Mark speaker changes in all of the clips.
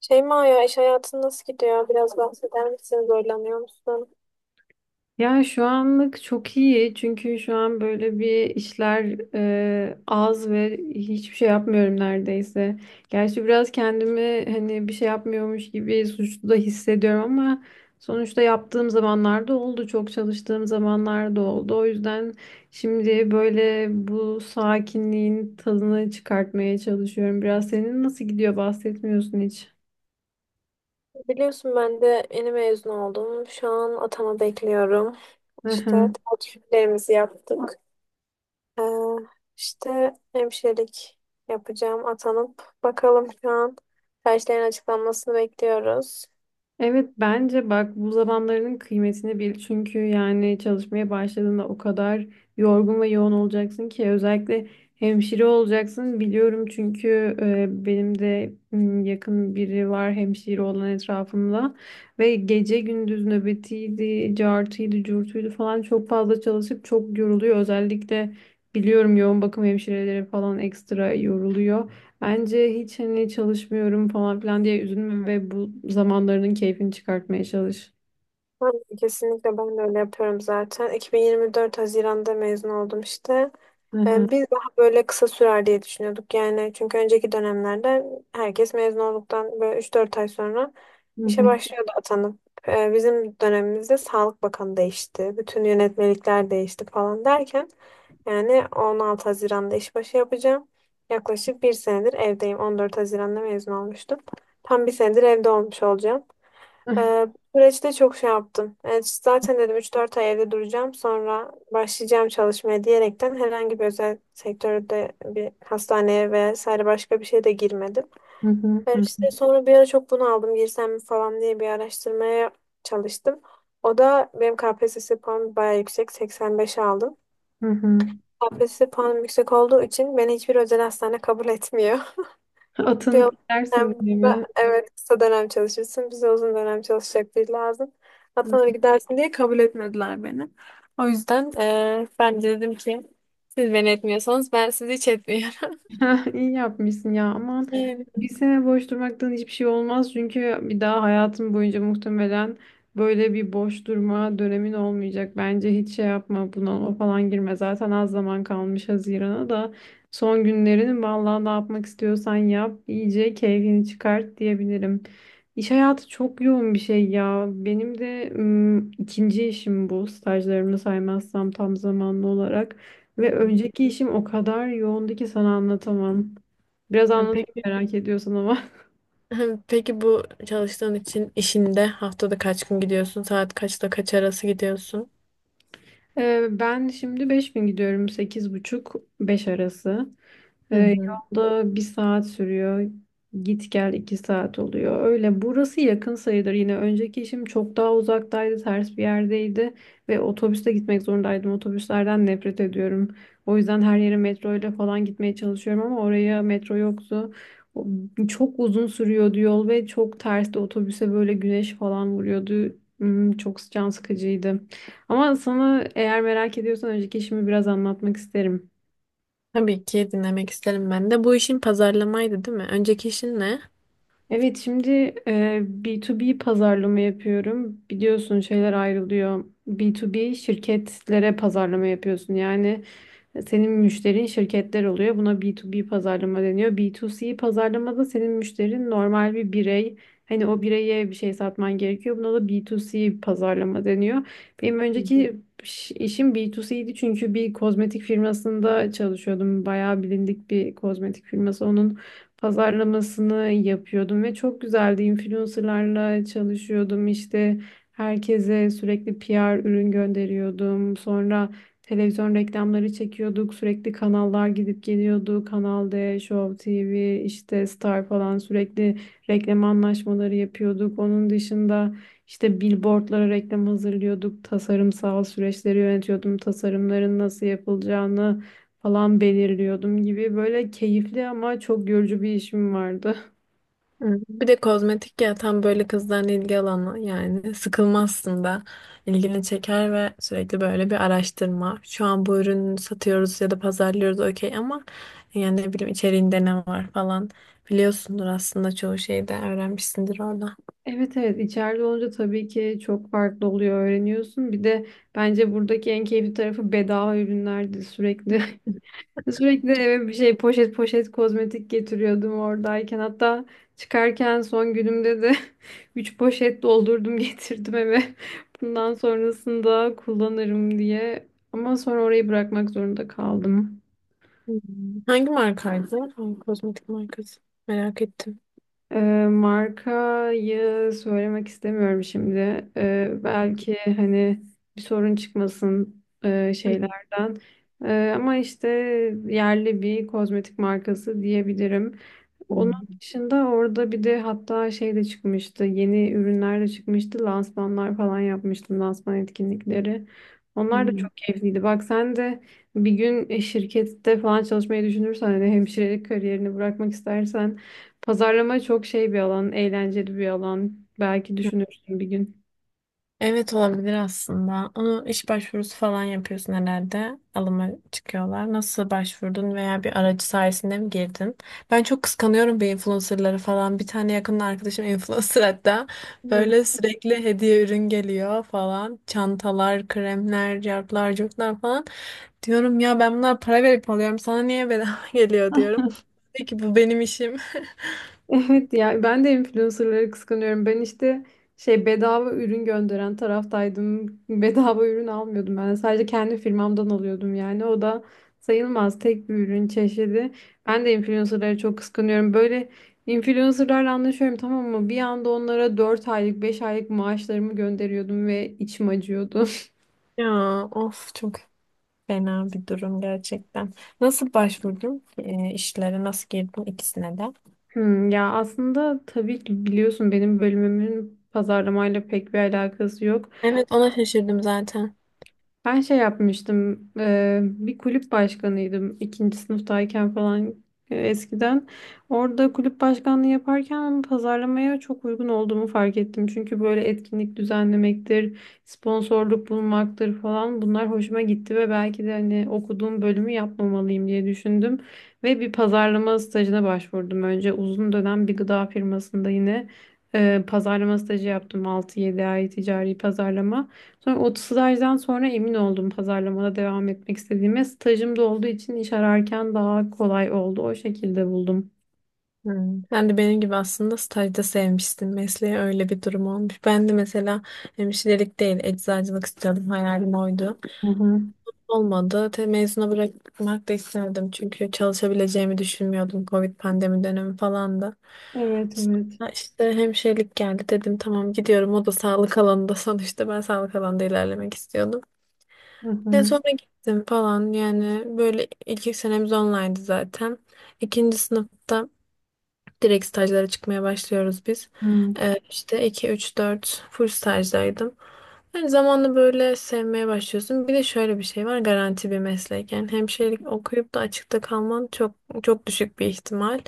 Speaker 1: Şeyma ya iş hayatın nasıl gidiyor? Biraz bahseder misin? Zorlanıyor musun?
Speaker 2: Ya şu anlık çok iyi çünkü şu an böyle bir işler az ve hiçbir şey yapmıyorum neredeyse. Gerçi biraz kendimi hani bir şey yapmıyormuş gibi suçlu da hissediyorum ama sonuçta yaptığım zamanlarda oldu, çok çalıştığım zamanlarda oldu. O yüzden şimdi böyle bu sakinliğin tadını çıkartmaya çalışıyorum. Biraz senin nasıl gidiyor bahsetmiyorsun hiç.
Speaker 1: Biliyorsun ben de yeni mezun oldum. Şu an atama bekliyorum. İşte tercihlerimizi yaptık. Ee, işte hemşirelik yapacağım atanıp. Bakalım şu an tercihlerin açıklanmasını bekliyoruz.
Speaker 2: Evet bence bak, bu zamanlarının kıymetini bil. Çünkü yani çalışmaya başladığında o kadar yorgun ve yoğun olacaksın ki, özellikle hemşire olacaksın biliyorum, çünkü benim de yakın biri var hemşire olan etrafımda ve gece gündüz nöbetiydi, cartıydı, curtuydu falan, çok fazla çalışıp çok yoruluyor. Özellikle biliyorum yoğun bakım hemşireleri falan ekstra yoruluyor. Bence hiç hani çalışmıyorum falan filan diye üzülme ve bu zamanlarının keyfini çıkartmaya çalış.
Speaker 1: Aynen, kesinlikle ben de öyle yapıyorum zaten. 2024 Haziran'da mezun oldum işte.
Speaker 2: Hı hı,
Speaker 1: Biz daha böyle kısa sürer diye düşünüyorduk yani. Çünkü önceki dönemlerde herkes mezun olduktan böyle 3-4 ay sonra
Speaker 2: hı
Speaker 1: işe
Speaker 2: hı,
Speaker 1: başlıyordu atanıp. Bizim dönemimizde Sağlık Bakanı değişti. Bütün yönetmelikler değişti falan derken yani 16 Haziran'da işbaşı yapacağım. Yaklaşık bir senedir evdeyim. 14 Haziran'da mezun olmuştum. Tam bir senedir evde olmuş olacağım.
Speaker 2: hı hı,
Speaker 1: Ee, bu süreçte çok şey yaptım. Yani zaten dedim üç dört ay evde duracağım sonra başlayacağım çalışmaya diyerekten herhangi bir özel sektörde bir hastaneye vesaire başka bir şeye de girmedim.
Speaker 2: hı hı,
Speaker 1: İşte sonra bir ara çok bunu aldım girsem mi falan diye bir araştırmaya çalıştım. O da benim KPSS puanım bayağı yüksek, 85 aldım.
Speaker 2: hı hı.
Speaker 1: KPSS puanım yüksek olduğu için beni hiçbir özel hastane kabul etmiyor. Bir
Speaker 2: Atını bilersin değil
Speaker 1: dönemde,
Speaker 2: mi?
Speaker 1: evet kısa dönem çalışırsın. Bize uzun dönem çalışacak biri lazım. Atan'a gidersin diye kabul etmediler beni. O yüzden ben de dedim ki siz beni etmiyorsanız ben sizi hiç etmiyorum.
Speaker 2: Ha, İyi yapmışsın ya, aman,
Speaker 1: Yani.
Speaker 2: bir sene boş durmaktan hiçbir şey olmaz, çünkü bir daha hayatım boyunca muhtemelen böyle bir boş durma dönemin olmayacak. Bence hiç şey yapma, bunalıma falan girme, zaten az zaman kalmış Haziran'a da. Son günlerini vallahi ne yapmak istiyorsan yap, iyice keyfini çıkart diyebilirim. İş hayatı çok yoğun bir şey ya, benim de ikinci işim bu, stajlarımı saymazsam tam zamanlı olarak. Ve
Speaker 1: Hı hı.
Speaker 2: önceki işim o kadar yoğundu ki sana anlatamam. Biraz
Speaker 1: Yani
Speaker 2: anlatayım
Speaker 1: peki,
Speaker 2: merak ediyorsan ama.
Speaker 1: peki bu çalıştığın için işinde haftada kaç gün gidiyorsun? Saat kaçla kaç arası gidiyorsun?
Speaker 2: Ben şimdi 5.000 gidiyorum. Sekiz buçuk beş arası. Ee, Yolda bir saat sürüyor. Git gel 2 saat oluyor. Öyle, burası yakın sayılır yine. Önceki işim çok daha uzaktaydı, ters bir yerdeydi ve otobüste gitmek zorundaydım. Otobüslerden nefret ediyorum. O yüzden her yere metro ile falan gitmeye çalışıyorum ama oraya metro yoktu. O- Çok uzun sürüyordu yol ve çok tersti. Otobüse böyle güneş falan vuruyordu. Çok can sıkıcıydı. Ama sana eğer merak ediyorsan önceki işimi biraz anlatmak isterim.
Speaker 1: Tabii ki dinlemek isterim ben de. Bu işin pazarlamaydı, değil mi? Önceki işin ne?
Speaker 2: Evet, şimdi B2B pazarlama yapıyorum. Biliyorsun şeyler ayrılıyor. B2B, şirketlere pazarlama yapıyorsun. Yani senin müşterin şirketler oluyor. Buna B2B pazarlama deniyor. B2C pazarlamada senin müşterin normal bir birey. Hani o bireye bir şey satman gerekiyor. Buna da B2C pazarlama deniyor. Benim önceki işim B2C'ydi, çünkü bir kozmetik firmasında çalışıyordum. Bayağı bilindik bir kozmetik firması. Onun pazarlamasını yapıyordum ve çok güzeldi. Influencerlarla çalışıyordum. İşte herkese sürekli PR ürün gönderiyordum. Sonra televizyon reklamları çekiyorduk. Sürekli kanallar gidip geliyordu. Kanal D, Show TV, işte Star falan, sürekli reklam anlaşmaları yapıyorduk. Onun dışında işte billboardlara reklam hazırlıyorduk. Tasarımsal süreçleri yönetiyordum. Tasarımların nasıl yapılacağını falan belirliyordum gibi, böyle keyifli ama çok yorucu bir işim vardı.
Speaker 1: Hı. Bir de kozmetik ya, tam böyle kızların ilgi alanı, yani sıkılmazsın da ilgini çeker ve sürekli böyle bir araştırma. Şu an bu ürünü satıyoruz ya da pazarlıyoruz okey, ama yani ne bileyim içeriğinde ne var falan, biliyorsundur aslında çoğu şeyi de öğrenmişsindir orada.
Speaker 2: Evet, evet, içeride olunca tabii ki çok farklı oluyor, öğreniyorsun. Bir de bence buradaki en keyifli tarafı bedava ürünlerdi. Sürekli sürekli eve bir şey poşet poşet kozmetik getiriyordum oradayken. Hatta çıkarken son günümde de 3 poşet doldurdum, getirdim eve. Bundan sonrasında kullanırım diye. Ama sonra orayı bırakmak zorunda kaldım.
Speaker 1: Hmm. Hangi markaydı? Hangi kozmetik markası? Merak ettim.
Speaker 2: Markayı söylemek istemiyorum şimdi. Belki hani bir sorun çıkmasın şeylerden. Ama işte yerli bir kozmetik markası diyebilirim. Onun
Speaker 1: Hmm.
Speaker 2: dışında orada bir de hatta şey de çıkmıştı. Yeni ürünler de çıkmıştı. Lansmanlar falan yapmıştım. Lansman etkinlikleri. Onlar da
Speaker 1: Hmm.
Speaker 2: çok keyifliydi. Bak, sen de bir gün şirkette falan çalışmayı düşünürsen, hani hemşirelik kariyerini bırakmak istersen, pazarlama çok şey bir alan, eğlenceli bir alan. Belki düşünürsün bir gün.
Speaker 1: Evet olabilir aslında. Onu iş başvurusu falan yapıyorsun herhalde. Alıma çıkıyorlar. Nasıl başvurdun veya bir aracı sayesinde mi girdin? Ben çok kıskanıyorum bu influencerları falan. Bir tane yakın arkadaşım influencer hatta.
Speaker 2: Hı.
Speaker 1: Böyle sürekli hediye ürün geliyor falan. Çantalar, kremler, cartlar, curtlar falan. Diyorum ya, ben bunlara para verip alıyorum. Sana niye bedava geliyor diyorum. Peki bu benim işim.
Speaker 2: Evet ya, ben de influencerları kıskanıyorum. Ben işte şey, bedava ürün gönderen taraftaydım. Bedava ürün almıyordum ben. Sadece kendi firmamdan alıyordum yani. O da sayılmaz, tek bir ürün çeşidi. Ben de influencerları çok kıskanıyorum. Böyle influencerlarla anlaşıyorum, tamam mı? Bir anda onlara 4 aylık, 5 aylık maaşlarımı gönderiyordum ve içim acıyordu.
Speaker 1: Ya, of çok, fena bir durum gerçekten. Nasıl başvurdun ki, işlere? Nasıl girdin ikisine de?
Speaker 2: Ya aslında tabii ki biliyorsun, benim bölümümün pazarlamayla pek bir alakası yok.
Speaker 1: Evet, ona şaşırdım zaten.
Speaker 2: Ben şey yapmıştım, bir kulüp başkanıydım ikinci sınıftayken falan, eskiden. Orada kulüp başkanlığı yaparken pazarlamaya çok uygun olduğumu fark ettim. Çünkü böyle etkinlik düzenlemektir, sponsorluk bulmaktır falan, bunlar hoşuma gitti ve belki de hani okuduğum bölümü yapmamalıyım diye düşündüm. Ve bir pazarlama stajına başvurdum önce. Uzun dönem bir gıda firmasında yine pazarlama stajı yaptım, 6-7 ay ticari pazarlama. Sonra o stajdan sonra emin oldum pazarlamada devam etmek istediğime. Stajım da olduğu için iş ararken daha kolay oldu. O şekilde buldum.
Speaker 1: Hmm. Sen de benim gibi aslında stajda sevmiştin mesleği, öyle bir durum olmuş. Ben de mesela hemşirelik değil eczacılık istiyordum, hayalim oydu.
Speaker 2: Hı hı.
Speaker 1: Olmadı. Te mezuna bırakmak da istemedim çünkü çalışabileceğimi düşünmüyordum. Covid pandemi dönemi falan da.
Speaker 2: Evet, evet.
Speaker 1: Sonra işte hemşirelik geldi, dedim tamam gidiyorum, o da sağlık alanında sonuçta ben sağlık alanında ilerlemek istiyordum.
Speaker 2: Hı
Speaker 1: Ya
Speaker 2: hı.
Speaker 1: sonra gittim falan, yani böyle ilk senemiz online'dı zaten. İkinci sınıfta direkt stajlara çıkmaya başlıyoruz biz.
Speaker 2: Hı.
Speaker 1: İşte 2 3 4 full stajdaydım. Yani zamanla böyle sevmeye başlıyorsun. Bir de şöyle bir şey var, garanti bir meslek. Yani hemşirelik okuyup da açıkta kalman çok düşük bir ihtimal.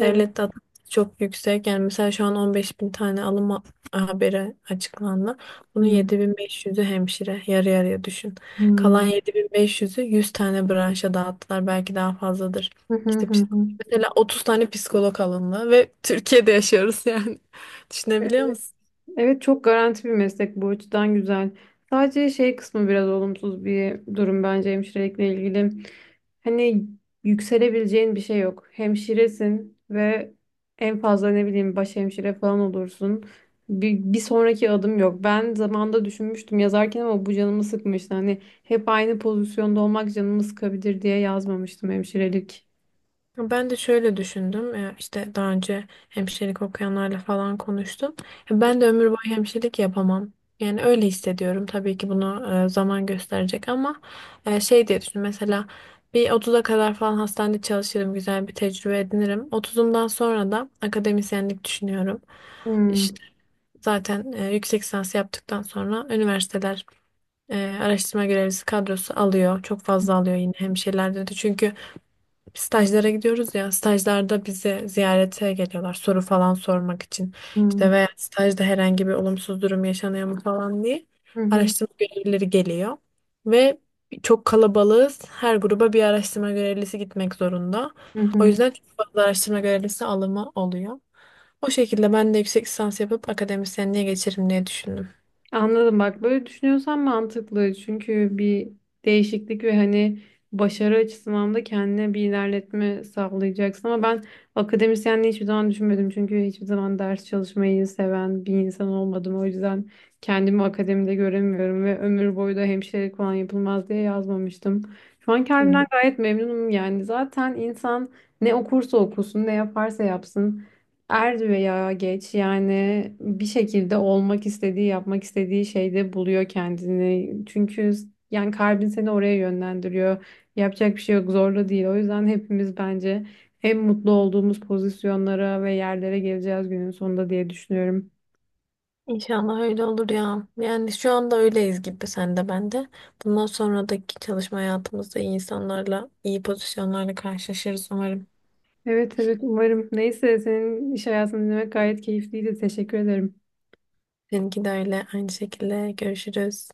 Speaker 2: Evet.
Speaker 1: de adı çok yüksek. Yani mesela şu an 15 bin tane alım haberi açıklandı. Bunun
Speaker 2: Hı
Speaker 1: 7500'ü hemşire. Yarı yarıya düşün. Kalan
Speaker 2: hı.
Speaker 1: 7500'ü 100 tane branşa dağıttılar. Belki daha fazladır.
Speaker 2: Hı hı
Speaker 1: İşte
Speaker 2: hı. Hı.
Speaker 1: mesela 30 tane psikolog alındı ve Türkiye'de yaşıyoruz yani. Düşünebiliyor musun?
Speaker 2: Evet, çok garanti bir meslek, bu açıdan güzel. Sadece şey kısmı biraz olumsuz bir durum bence hemşirelikle ilgili. Hani yükselebileceğin bir şey yok. Hemşiresin ve en fazla ne bileyim, baş hemşire falan olursun. Bir sonraki adım yok. Ben zamanda düşünmüştüm yazarken ama bu canımı sıkmıştı. Hani hep aynı pozisyonda olmak canımı sıkabilir diye yazmamıştım hemşirelik.
Speaker 1: Ben de şöyle düşündüm. İşte daha önce hemşirelik okuyanlarla falan konuştum. Ben de ömür boyu hemşirelik yapamam. Yani öyle hissediyorum. Tabii ki bunu zaman gösterecek ama şey diye düşündüm. Mesela bir 30'a kadar falan hastanede çalışırım. Güzel bir tecrübe edinirim. 30'umdan sonra da akademisyenlik düşünüyorum.
Speaker 2: Hmm,
Speaker 1: İşte zaten yüksek lisans yaptıktan sonra üniversiteler araştırma görevlisi kadrosu alıyor. Çok fazla alıyor yine hemşirelerde de. Çünkü stajlara gidiyoruz ya, stajlarda bizi ziyarete geliyorlar soru falan sormak için,
Speaker 2: hmm,
Speaker 1: işte veya stajda herhangi bir olumsuz durum yaşanıyor mu falan diye
Speaker 2: hı hı,
Speaker 1: araştırma görevlileri geliyor ve çok kalabalığız, her gruba bir araştırma görevlisi gitmek zorunda,
Speaker 2: hı
Speaker 1: o
Speaker 2: hı.
Speaker 1: yüzden çok fazla araştırma görevlisi alımı oluyor. O şekilde ben de yüksek lisans yapıp akademisyenliğe geçerim diye düşündüm.
Speaker 2: Anladım, bak böyle düşünüyorsan mantıklı, çünkü bir değişiklik ve hani başarı açısından da kendine bir ilerletme sağlayacaksın, ama ben akademisyenliği hiçbir zaman düşünmedim, çünkü hiçbir zaman ders çalışmayı seven bir insan olmadım. O yüzden kendimi akademide göremiyorum ve ömür boyu da hemşirelik falan yapılmaz diye yazmamıştım. Şu an
Speaker 1: Hı.
Speaker 2: kendimden gayet memnunum, yani zaten insan ne okursa okusun, ne yaparsa yapsın, er veya geç yani bir şekilde olmak istediği, yapmak istediği şeyde buluyor kendini. Çünkü yani kalbin seni oraya yönlendiriyor. Yapacak bir şey yok, zorla değil. O yüzden hepimiz bence en mutlu olduğumuz pozisyonlara ve yerlere geleceğiz günün sonunda diye düşünüyorum.
Speaker 1: İnşallah öyle olur ya. Yani şu anda öyleyiz gibi, sen de ben de. Bundan sonraki çalışma hayatımızda iyi insanlarla, iyi pozisyonlarla karşılaşırız umarım.
Speaker 2: Evet, evet, umarım. Neyse, senin iş hayatını dinlemek gayet keyifliydi. Teşekkür ederim.
Speaker 1: Seninki de öyle. Aynı şekilde görüşürüz.